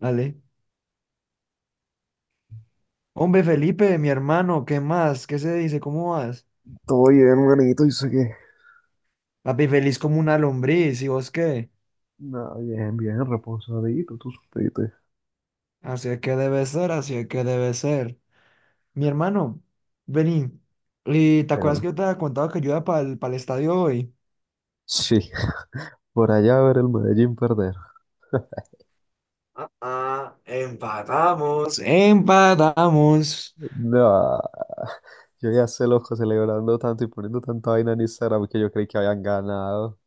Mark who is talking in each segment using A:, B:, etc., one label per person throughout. A: Dale. Hombre, Felipe, mi hermano, ¿qué más? ¿Qué se dice? ¿Cómo vas?
B: Todo bien, hermanito, yo sé que.
A: Papi, feliz como una lombriz, ¿y vos qué?
B: No, bien, bien, reposadito, tú supiste.
A: Así es que debe ser, así es que debe ser. Mi hermano, vení. ¿Y te acuerdas que
B: Claro.
A: yo te había contado que yo iba para el estadio hoy?
B: Sí, por allá ver el Medellín perder.
A: Ah, empatamos. Empatamos.
B: No, yo ya sé loco celebrando tanto y poniendo tanta vaina en Instagram que yo creí que habían ganado.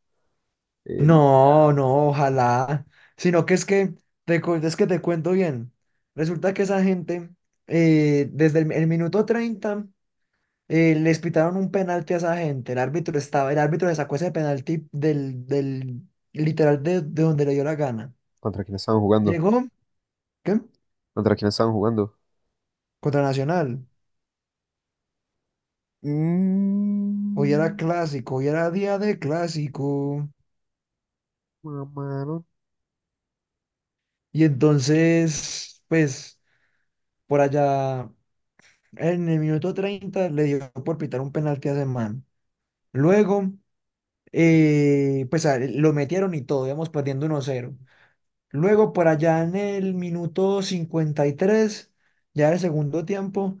B: El-
A: No, no, ojalá. Sino que es que te cuento bien. Resulta que esa gente, desde el minuto 30, les pitaron un penalti a esa gente. El árbitro le sacó ese penalti del literal de donde le dio la gana.
B: ¿Contra quién estaban jugando?
A: Llegó, ¿qué?
B: ¿Contra quién estaban jugando?
A: Contra Nacional. Hoy era
B: Mm,
A: clásico, hoy era día de clásico.
B: mamaron.
A: Y entonces, pues, por allá, en el minuto 30 le dio por pitar un penalti a ese man. Luego, pues lo metieron y todo, íbamos perdiendo 1-0. Luego, por allá en el minuto 53, ya del segundo tiempo,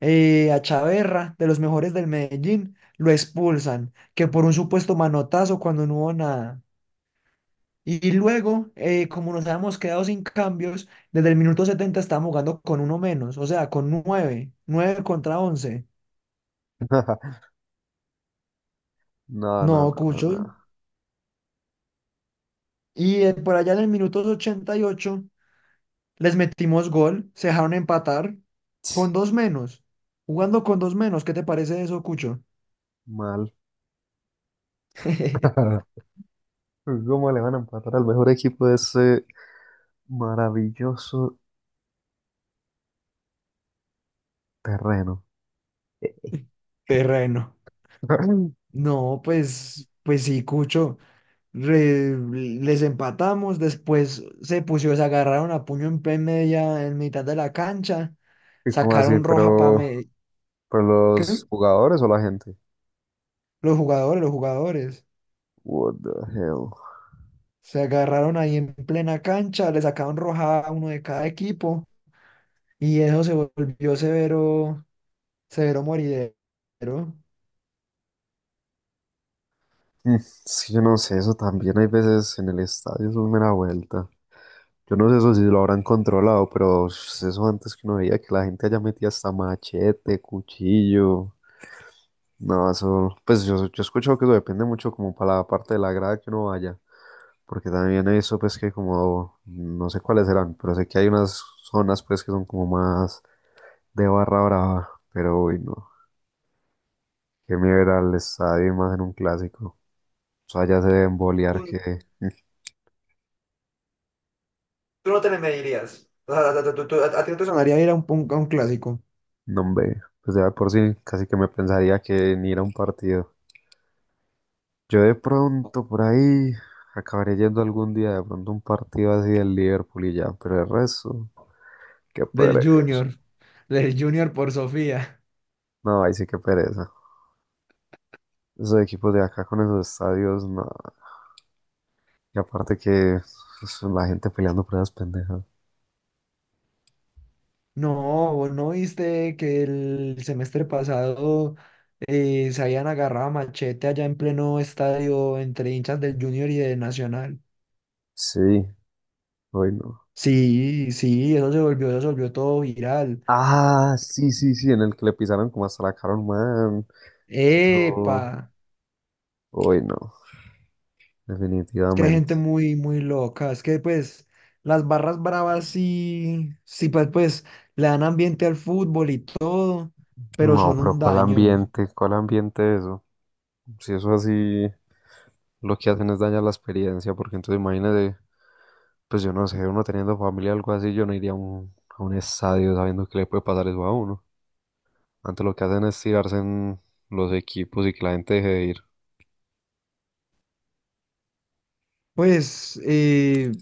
A: a Chaverra, de los mejores del Medellín, lo expulsan, que por un supuesto manotazo, cuando no hubo nada. Y luego, como nos habíamos quedado sin cambios, desde el minuto 70 estábamos jugando con uno menos, o sea, con 9, 9 contra 11.
B: No,
A: No,
B: no, no, no,
A: Cucho.
B: no.
A: Y por allá en el minuto 88 les metimos gol, se dejaron empatar con
B: Ts,
A: dos menos. Jugando con dos menos, ¿qué te parece eso, Cucho?
B: mal. ¿Cómo le van a empatar al mejor equipo de ese maravilloso terreno?
A: Terreno. No, pues, pues sí, Cucho. Re- Les empatamos, después se pusieron, se agarraron a puño en mitad de la cancha,
B: ¿Y cómo así?
A: sacaron roja para,
B: Pero
A: ¿qué?
B: los jugadores o la gente?
A: Los jugadores, los jugadores.
B: What the hell?
A: Se agarraron ahí en plena cancha, le sacaron roja a uno de cada equipo y eso se volvió severo, severo moridero.
B: Mm, sí, yo no sé, eso también hay veces en el estadio, eso es mera vuelta. Yo no sé eso si lo habrán controlado, pero sh- eso antes que uno veía que la gente allá metía hasta machete, cuchillo. No, eso, pues yo he escuchado que eso depende mucho como para la parte de la grada que uno vaya, porque también he visto pues que como, no sé cuáles serán, pero sé que hay unas zonas pues que son como más de barra brava, pero uy, no. Qué miedo ir al estadio y más en un clásico. O sea, ya se deben bolear
A: Tú,
B: que
A: tú no te le medirías. O sea, a ti no te sonaría ir a un clásico
B: no hombre, pues ya de por sí, casi que me pensaría que ni ir a un partido. Yo de pronto por ahí acabaré yendo algún día de pronto a un partido así del Liverpool y ya, pero el resto, qué
A: del
B: pereza.
A: Junior, del Junior por Sofía.
B: No, ahí sí que pereza. Esos equipos de acá con esos estadios, no. Y aparte que pues, la gente peleando por esas pendejas.
A: No, ¿vos no viste que el semestre pasado, se habían agarrado a machete allá en pleno estadio entre hinchas del Junior y de Nacional?
B: Sí, hoy no.
A: Sí, sí, eso se volvió todo viral.
B: Ah, sí, sí, sí, en el que le pisaron como hasta la cara a un man. Eso,
A: ¡Epa!
B: uy, no,
A: Que hay gente
B: definitivamente.
A: muy, muy loca. Es que, pues, las barras bravas, sí, sí, pues, le dan ambiente al fútbol y todo, pero
B: No,
A: son
B: pero
A: un
B: ¿cuál
A: daño.
B: ambiente? ¿Cuál ambiente eso? Si eso así, lo que hacen es dañar la experiencia, porque entonces imagínate, pues yo no sé, uno teniendo familia o algo así, yo no iría a a un estadio sabiendo que le puede pasar eso a uno. Antes lo que hacen es tirarse en los equipos y que la gente deje de ir.
A: Pues,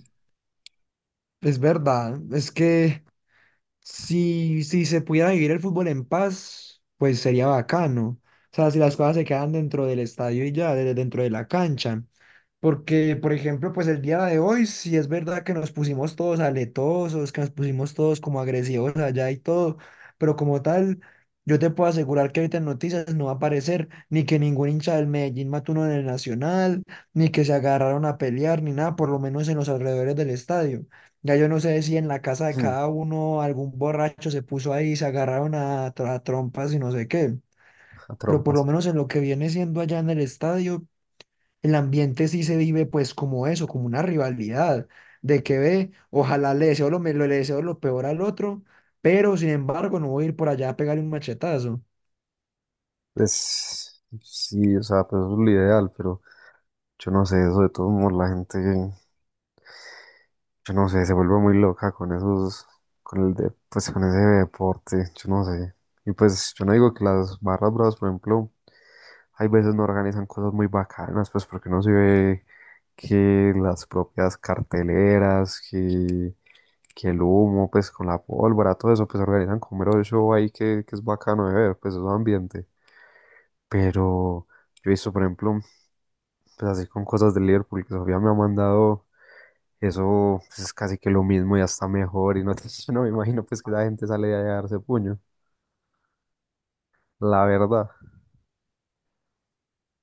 A: es verdad. Es que si se pudiera vivir el fútbol en paz, pues sería bacano. O sea, si las cosas se quedan dentro del estadio y ya, dentro de la cancha. Porque, por ejemplo, pues el día de hoy, si es verdad que nos pusimos todos aletosos, que nos pusimos todos como agresivos allá y todo, pero como tal, yo te puedo asegurar que ahorita en noticias no va a aparecer ni que ningún hincha del Medellín mató uno en el Nacional, ni que se agarraron a pelear, ni nada, por lo menos en los alrededores del estadio. Ya yo no sé si en la casa de cada uno algún borracho se puso ahí y se agarraron a trompas y no sé qué,
B: A
A: pero por lo
B: trompas.
A: menos en lo que viene siendo allá en el estadio, el ambiente sí se vive pues como eso, como una rivalidad, de que ve, ojalá le deseo lo peor al otro, pero sin embargo no voy a ir por allá a pegarle un machetazo.
B: Pues sí, o sea, pues eso es lo ideal, pero yo no sé, eso de todos modos la gente. Yo no sé, se vuelve muy loca con esos, con el de, pues con ese deporte, yo no sé. Y pues yo no digo que las barras bravas, por ejemplo, hay veces no organizan cosas muy bacanas, pues porque no se ve que las propias carteleras, que el humo, pues con la pólvora, todo eso, pues organizan como mero show ahí que es bacano de ver, pues es un ambiente. Pero yo he visto, por ejemplo, pues así con cosas de Liverpool, que Sofía me ha mandado. Eso pues, es casi que lo mismo y hasta mejor. Y no, te- yo no me imagino pues que la gente sale de ahí a darse puño. La verdad.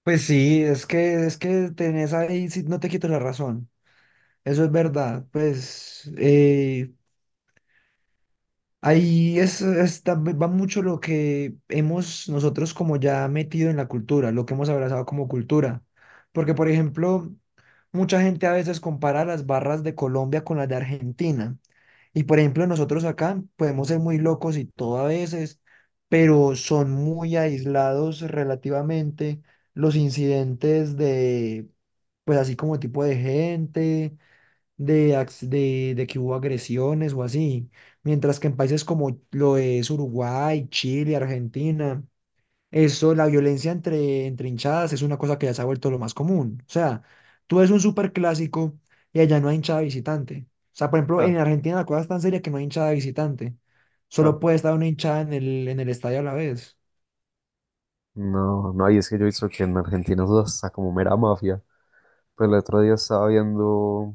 A: Pues sí, es que tenés ahí, sí, no te quito la razón, eso es verdad. Pues, ahí va mucho lo que hemos nosotros como ya metido en la cultura, lo que hemos abrazado como cultura. Porque, por ejemplo, mucha gente a veces compara las barras de Colombia con las de Argentina. Y, por ejemplo, nosotros acá podemos ser muy locos y todo a veces, pero son muy aislados relativamente los incidentes de, pues así como tipo de gente de que hubo agresiones o así. Mientras que en países como lo es Uruguay, Chile, Argentina, eso, la violencia entre hinchadas es una cosa que ya se ha vuelto lo más común. O sea, tú ves un superclásico y allá no hay hinchada visitante. O sea, por ejemplo,
B: Ja,
A: en Argentina la cosa es tan seria que no hay hinchada visitante.
B: ja.
A: Solo puede estar una hinchada en el estadio a la vez.
B: No, no, y es que yo he visto que en Argentina eso está como mera mafia. Pues el otro día estaba viendo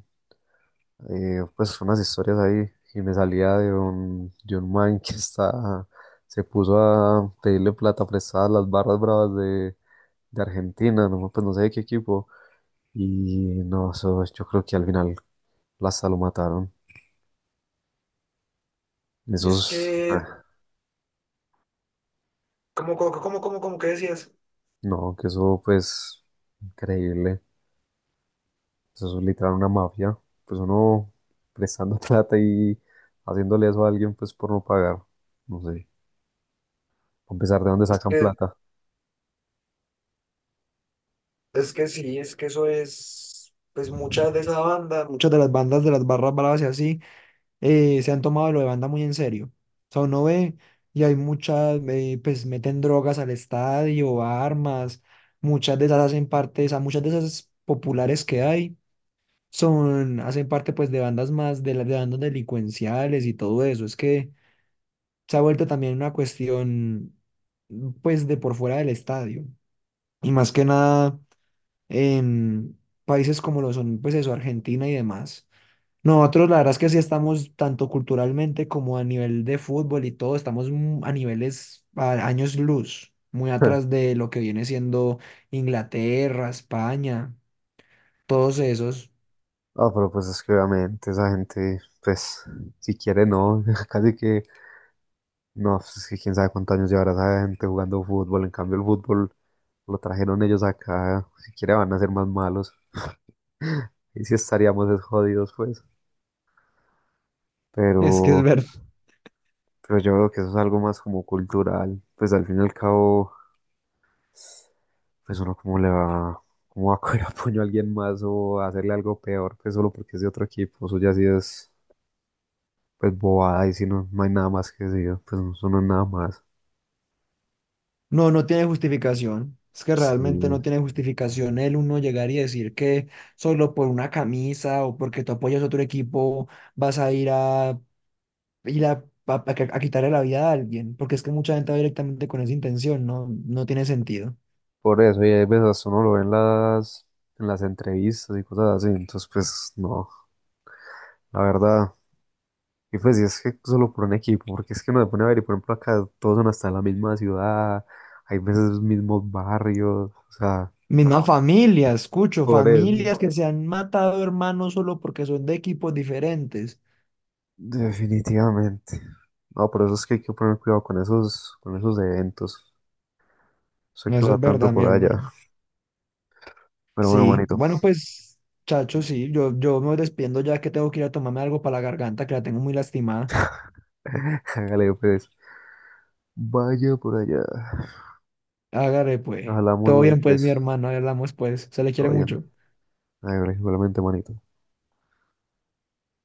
B: pues unas historias ahí y me salía de un man que está, se puso a pedirle plata prestada a las barras bravas de Argentina, no, pues no sé de qué equipo. Y no, eso yo creo que al final hasta lo mataron.
A: Es
B: Esos,
A: que, ¿cómo que decías?
B: no, que eso pues increíble. Eso es literal una mafia. Pues uno prestando plata y haciéndole eso a alguien pues por no pagar. No sé. A pesar de dónde
A: Es
B: sacan
A: que
B: plata.
A: Es que sí, es que eso es, pues muchas de esas bandas, muchas de las bandas de las barras bravas y así, se han tomado lo de banda muy en serio. O sea, uno ve y hay muchas, pues meten drogas al estadio, armas, muchas de esas hacen parte, o sea, muchas de esas populares que hay, hacen parte pues de bandas más, de las de bandas delincuenciales y todo eso. Es que se ha vuelto también una cuestión, pues, de por fuera del estadio. Y más que nada en países como lo son, pues eso, Argentina y demás. Nosotros la verdad es que sí estamos tanto culturalmente como a nivel de fútbol y todo, estamos a niveles, a años luz, muy atrás de lo que viene siendo Inglaterra, España, todos esos.
B: Ah, pero pues es que obviamente esa gente, pues, si quiere no, casi que, no, pues, es que quién sabe cuántos años llevará esa gente jugando fútbol, en cambio el fútbol lo trajeron ellos acá, si quiere van a ser más malos, y si estaríamos es jodidos, pues,
A: Es que es
B: pero,
A: verdad.
B: Pero yo veo que eso es algo más como cultural. Pues al fin y al cabo, pues uno como le va, cómo va a coger a puño a alguien más o a hacerle algo peor, pues solo porque es de otro equipo. Eso ya sí es, pues bobada y si no, no hay nada más que decir, pues no, eso no es nada más.
A: No, no tiene justificación. Es que realmente
B: Sí.
A: no tiene justificación el uno llegar y decir que solo por una camisa o porque tú apoyas a otro equipo vas a ir a quitarle la vida a alguien, porque es que mucha gente va directamente con esa intención. No, no tiene sentido.
B: Por eso, y hay veces hasta uno lo ve en las entrevistas y cosas así. Entonces, pues no, la verdad. Y pues y es que solo por un equipo, porque es que uno se pone a ver y por ejemplo acá todos son hasta la misma ciudad, hay veces los mismos barrios, o sea,
A: Misma familia, escucho,
B: por eso.
A: familias que se han matado hermanos solo porque son de equipos diferentes.
B: Definitivamente. No, por eso es que hay que poner cuidado con esos eventos. Sé que
A: Eso
B: va
A: es
B: tanto
A: verdad, mi
B: por allá,
A: hermano.
B: pero bueno,
A: Sí,
B: manito,
A: bueno, pues, chacho, sí, yo me despiendo ya que tengo que ir a tomarme algo para la garganta, que la tengo muy lastimada.
B: hágale pues, vaya por allá.
A: Hágale, pues.
B: Hablamos
A: Todo
B: late
A: bien, pues, mi
B: pues,
A: hermano, ahí hablamos, pues. Se le
B: todo
A: quiere
B: bien.
A: mucho.
B: Hágale, igualmente, manito.